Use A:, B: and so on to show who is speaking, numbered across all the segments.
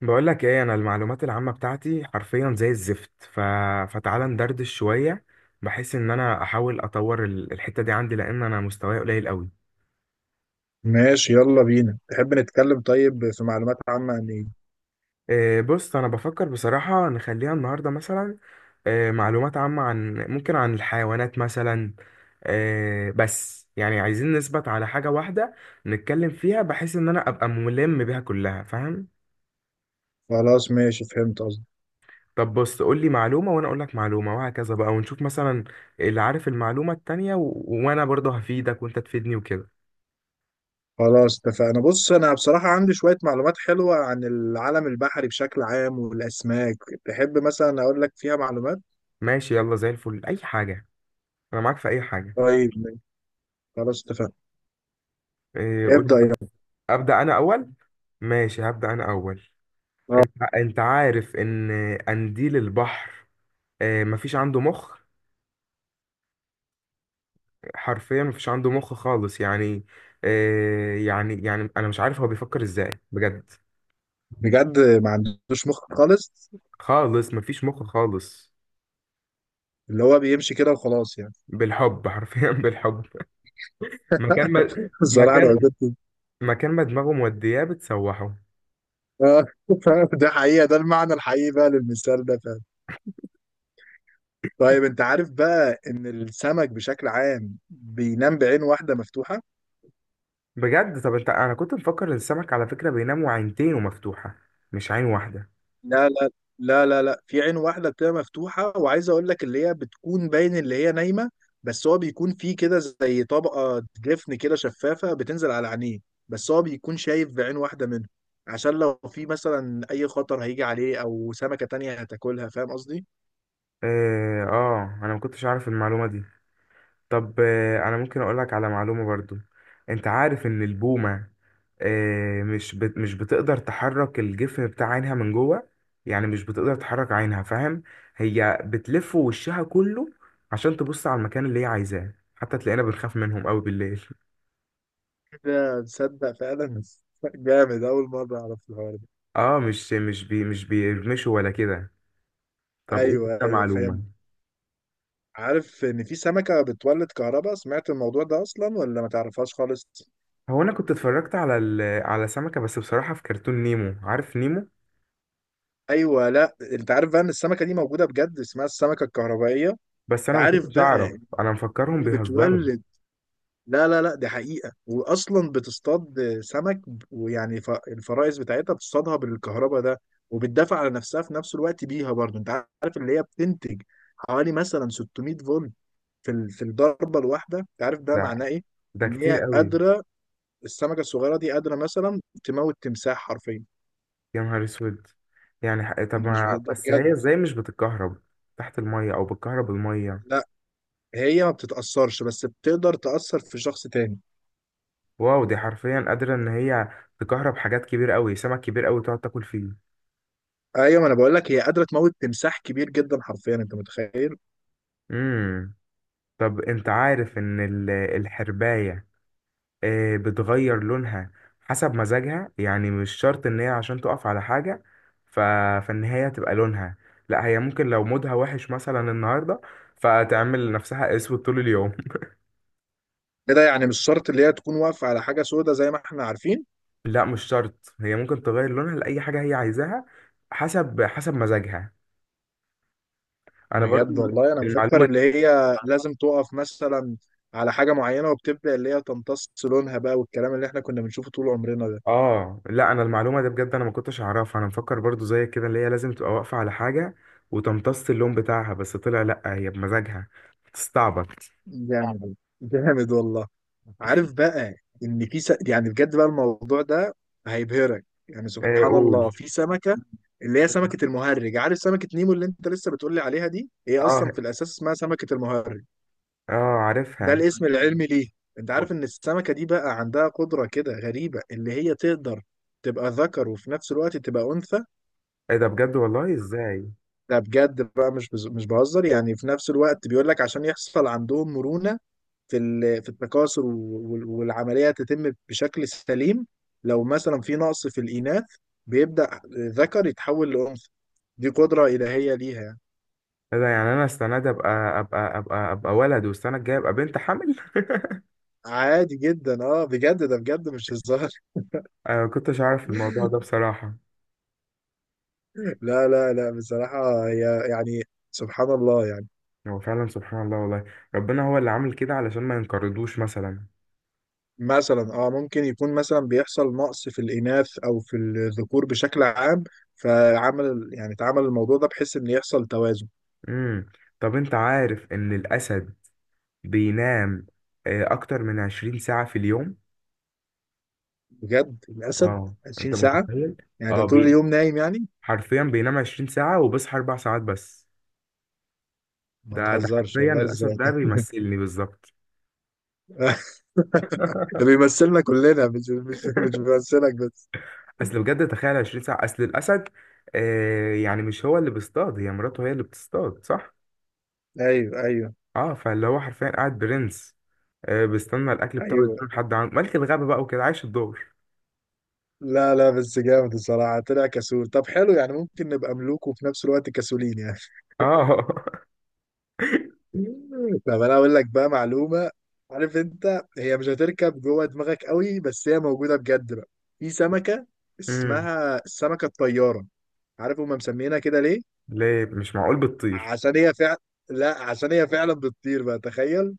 A: بقول لك ايه، انا المعلومات العامة بتاعتي حرفيا زي الزفت. فتعالى ندردش شوية. بحيث ان انا احاول اطور الحتة دي عندي، لان انا مستواي قليل قوي.
B: ماشي، يلا بينا. تحب نتكلم؟ طيب، في معلومات عامة عن ايه؟
A: إيه، بص انا بفكر بصراحة نخليها النهاردة مثلا. إيه، معلومات عامة عن ممكن عن الحيوانات مثلا. إيه، بس يعني عايزين نثبت على حاجة واحدة نتكلم فيها، بحيث ان انا ابقى ملم بيها كلها، فاهم؟
B: خلاص ماشي، فهمت قصدي.
A: طب بص، قول لي معلومة وانا اقول لك معلومة وهكذا بقى، ونشوف مثلا اللي عارف المعلومة التانية. وانا برضه هفيدك وانت تفيدني وكده.
B: خلاص اتفقنا. بص انا بصراحة عندي شوية معلومات حلوة عن العالم البحري بشكل عام والاسماك. تحب مثلا اقول لك فيها معلومات؟
A: ماشي، يلا زي الفل، اي حاجة. انا معاك في اي حاجة.
B: طيب ماشي. خلاص اتفقنا.
A: إيه، قول
B: ابدأ يلا.
A: لي. ابدأ انا اول. ماشي، هبدأ انا اول.
B: آه،
A: انت عارف ان قنديل البحر، مفيش عنده مخ. حرفيا مفيش عنده مخ خالص يعني. يعني انا مش عارف هو بيفكر ازاي بجد.
B: بجد ما عندوش مخ خالص؟
A: خالص مفيش مخ خالص.
B: اللي هو بيمشي كده وخلاص يعني.
A: بالحب، حرفيا بالحب. مكان ما
B: الصراحة انا
A: مكان
B: وجدت.
A: مكان ما دماغه مودياه بتسوحه.
B: آه، ده حقيقة، ده المعنى الحقيقي بقى للمثال ده فعلا. طيب، انت عارف بقى ان السمك بشكل عام بينام بعين واحدة مفتوحة؟
A: بجد. طب، انا كنت مفكر ان السمك على فكرة بينام وعينتينه مفتوحة، مش عين واحدة.
B: لا لا لا لا. في عين واحدة بتبقى مفتوحة، وعايز أقول لك اللي هي بتكون باين اللي هي نايمة. بس هو بيكون فيه كده زي طبقة جفن كده شفافة بتنزل على عينيه. بس هو بيكون شايف بعين واحدة منه، عشان لو في مثلا أي خطر هيجي عليه أو سمكة تانية هتاكلها. فاهم قصدي؟
A: اه، انا ما كنتش عارف المعلومة دي. طب، انا ممكن اقول لك على معلومة برضو. انت عارف ان البومة، مش بتقدر تحرك الجفن بتاع عينها من جوه، يعني مش بتقدر تحرك عينها، فاهم؟ هي بتلف وشها كله عشان تبص على المكان اللي هي عايزاه، حتى تلاقينا بنخاف منهم قوي بالليل.
B: ده تصدق فعلا. جامد، أول مرة أعرف الحوار ده.
A: اه، مش بيرمشوا ولا كده. طب قول لي انت
B: أيوه،
A: معلومة.
B: فاهم. عارف إن في سمكة بتولد كهرباء؟ سمعت الموضوع ده أصلا ولا ما تعرفهاش خالص؟
A: هو انا كنت اتفرجت على سمكة، بس بصراحة في كرتون نيمو. عارف نيمو؟
B: ايوه، لا انت عارف بقى ان السمكه دي موجوده بجد، اسمها السمكه الكهربائيه.
A: بس انا ما
B: عارف
A: كنتش
B: بقى
A: اعرف،
B: ان
A: انا مفكرهم
B: هي
A: بيهزروا.
B: بتولد؟ لا. دي حقيقه، واصلا بتصطاد سمك ويعني الفرائس بتاعتها بتصطادها بالكهرباء ده، وبتدافع على نفسها في نفس الوقت بيها برضه. انت عارف اللي هي بتنتج حوالي مثلا 600 فولت في في الضربه الواحده؟ انت عارف ده
A: ده
B: معناه ايه؟
A: ده
B: ان
A: كتير
B: هي
A: قوي.
B: قادره، السمكه الصغيره دي قادره مثلا تموت تمساح حرفيا.
A: يا نهار اسود! يعني طب
B: مش
A: ما
B: ده
A: بس،
B: بجد.
A: هي ازاي مش بتتكهرب تحت المية، او بتكهرب المية؟
B: لا هي ما بتتأثرش، بس بتقدر تأثر في شخص تاني.
A: واو، دي حرفيا قادرة ان هي تكهرب حاجات كبير قوي، سمك كبير قوي تقعد تاكل فيه.
B: ايوه، ما انا بقول لك، هي قادره تموت تمساح كبير جدا حرفيا، انت متخيل.
A: امم طب، انت عارف ان الحرباية، بتغير لونها حسب مزاجها، يعني مش شرط ان هي عشان تقف على حاجة ف... فان هي تبقى لونها. لا، هي ممكن لو مودها وحش مثلا النهاردة فتعمل نفسها اسود طول اليوم.
B: ايه ده، يعني مش شرط اللي هي تكون واقفه على حاجه سودة زي ما احنا عارفين.
A: لا، مش شرط، هي ممكن تغير لونها لأي حاجة هي عايزاها، حسب مزاجها. انا برضو
B: بجد والله، انا مفكر
A: المعلومة.
B: اللي هي لازم تقف مثلا على حاجه معينه وبتبدا اللي هي تمتص لونها بقى، والكلام اللي احنا كنا بنشوفه طول عمرنا ده.
A: اه لا، انا المعلومة دي بجد انا ما كنتش اعرفها، انا مفكر برضو زي كده اللي هي لازم تبقى واقفة على حاجة وتمتص اللون بتاعها، بس طلع لا، هي بمزاجها تستعبط.
B: جامد، جامد والله. عارف بقى ان في يعني بجد بقى الموضوع ده هيبهرك، يعني
A: آه،
B: سبحان الله.
A: قول.
B: في سمكه اللي هي
A: مم.
B: سمكه المهرج. عارف سمكه نيمو اللي انت لسه بتقولي عليها دي؟ هي اصلا
A: اه،
B: في الاساس اسمها سمكه المهرج،
A: اه،
B: ده
A: عارفها.
B: الاسم العلمي ليه. انت
A: م-
B: عارف ان السمكه دي بقى عندها قدره كده غريبه اللي هي تقدر تبقى ذكر وفي نفس الوقت تبقى انثى؟
A: ايه ده بجد، والله ازاي؟
B: ده بجد بقى، مش مش بهزر يعني. في نفس الوقت بيقول لك عشان يحصل عندهم مرونه في في التكاثر والعملية تتم بشكل سليم. لو مثلا في نقص في الإناث، بيبدأ ذكر يتحول لأنثى. دي قدرة إلهية ليها يعني.
A: ايه ده؟ يعني انا السنه دي ابقى ولد والسنه الجايه ابقى بنت حمل.
B: عادي جدا، اه بجد، ده بجد مش هزار.
A: انا ما كنتش عارف الموضوع ده بصراحه.
B: لا. بصراحة هي يعني سبحان الله يعني.
A: هو فعلا سبحان الله والله. ربنا هو اللي عامل كده علشان ما ينقرضوش مثلا.
B: مثلا اه، ممكن يكون مثلا بيحصل نقص في الإناث أو في الذكور بشكل عام، فعمل يعني اتعمل الموضوع ده بحيث إن يحصل توازن.
A: امم طب، انت عارف ان الاسد بينام اكتر من 20 ساعه في اليوم.
B: بجد الأسد
A: اه، انت
B: 20 ساعة؟
A: متخيل
B: يعني ده
A: اه
B: طول
A: بي...
B: اليوم نايم يعني.
A: حرفيا بينام 20 ساعه وبيصحى 4 ساعات بس.
B: ما
A: ده
B: تهزرش
A: حرفيا
B: والله، ازاي؟
A: الاسد ده بيمثلني بالظبط.
B: بيمثلنا كلنا، مش بيمثلك بس.
A: اصل بجد تخيل 20 ساعة، اصل الاسد يعني مش هو اللي بيصطاد، هي مراته هي اللي بتصطاد، صح؟
B: ايوه ايوه
A: اه، فاللي هو حرفيا قاعد برنس، بيستنى الاكل بتاعه
B: ايوه.
A: يجيله لحد عنده، ملك الغابة بقى وكده، عايش الدور.
B: لا لا، بس جامد الصراحه، طلع كسول. طب حلو، يعني ممكن نبقى ملوك وفي نفس الوقت كسولين يعني.
A: اه.
B: طب انا اقول لك بقى معلومه. عارف، انت هي مش هتركب جوه دماغك قوي، بس هي موجوده بجد بقى. في سمكه
A: امم
B: اسمها السمكه الطياره. عارف هما مسمينها كده ليه؟
A: ليه؟ مش معقول بتطير؟
B: عشان هي فعلا، لا عشان هي فعلا بتطير بقى، تخيل.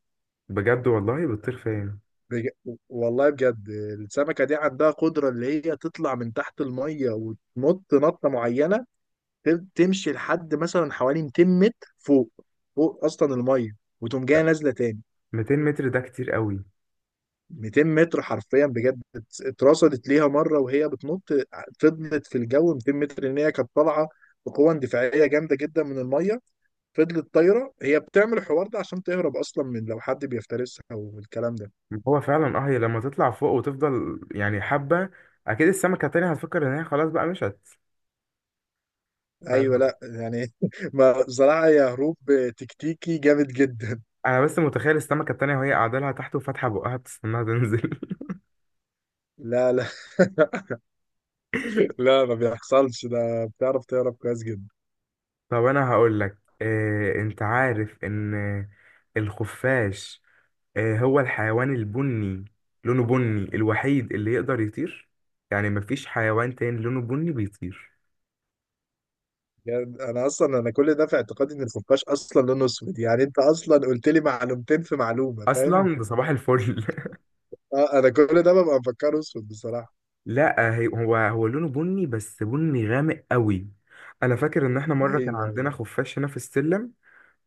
A: بجد والله؟ بتطير فين؟
B: بج... والله بجد، السمكة دي عندها قدرة اللي هي تطلع من تحت المية وتنط نطة معينة، تمشي لحد مثلا حوالي 200 متر فوق، فوق أصلا المية، وتقوم جاية نازلة تاني.
A: 200 متر ده كتير قوي.
B: 200 متر حرفيا بجد، اترصدت ليها مرة وهي بتنط، فضلت في الجو 200 متر، إن هي كانت طالعة بقوة اندفاعية جامدة جدا من المية. فضلت طايرة. هي بتعمل الحوار ده عشان تهرب أصلا من لو حد بيفترسها والكلام ده.
A: هو فعلا. اه، هي لما تطلع فوق وتفضل يعني حبة، اكيد السمكة التانية هتفكر ان هي خلاص بقى مشت.
B: ايوه، لا يعني ما بصراحه، يا هروب تكتيكي جامد جدا.
A: انا بس متخيل السمكه التانية وهي قاعده لها تحت وفاتحه بقها بتستناها تنزل.
B: لا لا، لا ما بيحصلش ده، بتعرف تهرب كويس جدا.
A: طب انا هقول لك إيه، انت عارف ان الخفاش، إيه، هو الحيوان البني، لونه بني الوحيد اللي يقدر يطير، يعني مفيش حيوان تاني لونه بني بيطير.
B: يعني انا اصلا، انا كل ده في اعتقادي ان الخفاش اصلا لونه اسود. يعني انت اصلا قلت لي معلومتين في معلومه، فاهم؟
A: اصلا ده صباح الفل.
B: اه انا كل ده ببقى مفكره اسود بصراحه.
A: لا، هو لونه بني بس بني غامق قوي. انا فاكر ان احنا مره كان
B: ايوه.
A: عندنا خفاش هنا في السلم،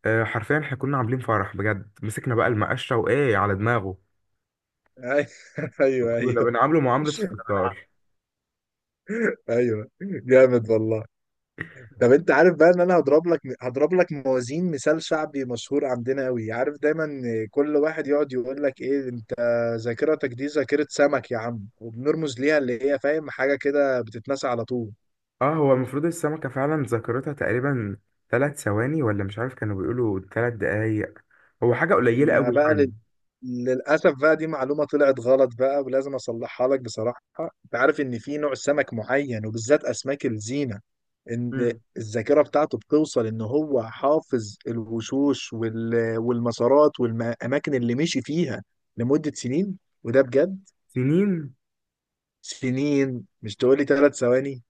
A: حرفيا احنا كنا عاملين فرح بجد، مسكنا بقى المقشه وايه على دماغه.
B: ايوه
A: كنا
B: ايوه
A: بنعامله معاملة الستار.
B: ايوه. جامد والله. طب انت عارف بقى ان انا هضرب لك موازين مثال شعبي مشهور عندنا قوي؟ عارف دايما كل واحد يقعد يقول لك ايه، انت ذاكرتك دي ذاكرة سمك يا عم؟ وبنرمز ليها اللي هي فاهم حاجة كده بتتنسى على طول.
A: اه، هو المفروض السمكة فعلا ذاكرتها تقريبا 3 ثواني، ولا مش عارف كانوا بيقولوا 3 دقايق، هو حاجة قليلة
B: ما
A: قوي
B: بقى
A: يعني.
B: للأسف بقى دي معلومة طلعت غلط بقى، ولازم أصلحها لك بصراحة. أنت عارف إن في نوع سمك معين وبالذات أسماك الزينة، إن
A: مم.
B: الذاكرة بتاعته بتوصل إن هو حافظ الوشوش والمسارات والأماكن اللي مشي فيها لمدة سنين. وده بجد
A: سنين؟
B: سنين، مش تقولي ثلاث ثواني.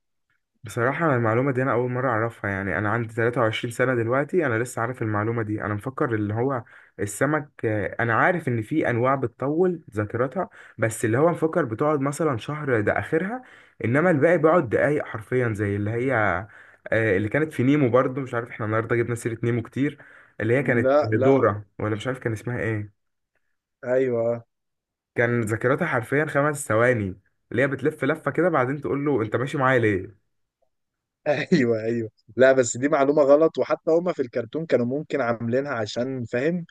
A: بصراحة أنا المعلومة دي أنا أول مرة أعرفها. يعني أنا عندي 23 سنة دلوقتي، أنا لسه عارف المعلومة دي. أنا مفكر اللي هو السمك، أنا عارف إن في أنواع بتطول ذاكرتها، بس اللي هو مفكر بتقعد مثلا شهر ده آخرها، إنما الباقي بيقعد دقايق حرفيا، زي اللي هي اللي كانت في نيمو. برضو مش عارف، إحنا النهاردة جبنا سيرة نيمو كتير. اللي هي كانت
B: لا لا،
A: دورة، ولا مش عارف كان اسمها إيه.
B: أيوه.
A: كان ذاكرتها حرفيا 5 ثواني، اللي هي بتلف لفة كده بعدين تقول له أنت ماشي معايا.
B: أيوه. لا بس دي معلومة غلط، وحتى هما في الكرتون كانوا ممكن عاملينها عشان فاهم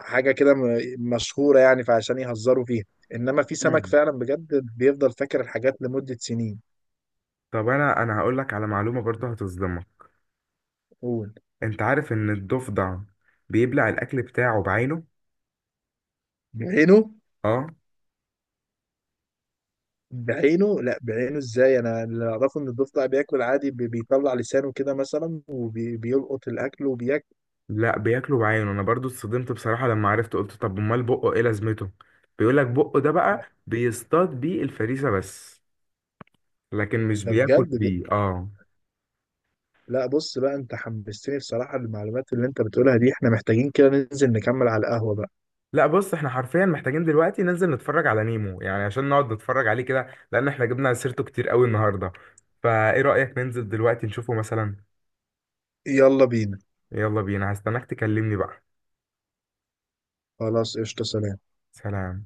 B: حاجه كده مشهوره يعني، فعشان يهزروا فيها. انما في
A: ليه؟
B: سمك فعلا بجد بيفضل فاكر الحاجات لمده سنين.
A: طب انا هقول لك على معلومه برضه هتصدمك.
B: قول.
A: انت عارف ان الضفدع بيبلع الاكل بتاعه بعينه؟
B: بعينه؟
A: اه.
B: بعينه؟ لا بعينه ازاي، انا اللي اعرفه ان الضفدع بياكل عادي، بيطلع لسانه كده مثلا وبيلقط الاكل وبياكل.
A: لا بياكله بعينه، انا برضه اتصدمت بصراحه لما عرفت، قلت طب امال بقه ايه لازمته؟ بيقول لك بقه ده بقى
B: لا
A: بيصطاد بيه الفريسه بس، لكن مش
B: ده
A: بياكل
B: بجد
A: بيه. اه.
B: لا بص بقى، انت حمستني بصراحه. المعلومات اللي انت بتقولها دي احنا محتاجين كده ننزل نكمل على القهوه بقى.
A: لا، بص، احنا حرفيا محتاجين دلوقتي ننزل نتفرج على نيمو، يعني عشان نقعد نتفرج عليه كده، لان احنا جبنا سيرته كتير قوي النهارده. فايه رايك ننزل دلوقتي نشوفه مثلا؟
B: يلا بينا.
A: يلا بينا، هستناك تكلمني بقى.
B: خلاص، قشطه، سلام.
A: سلام.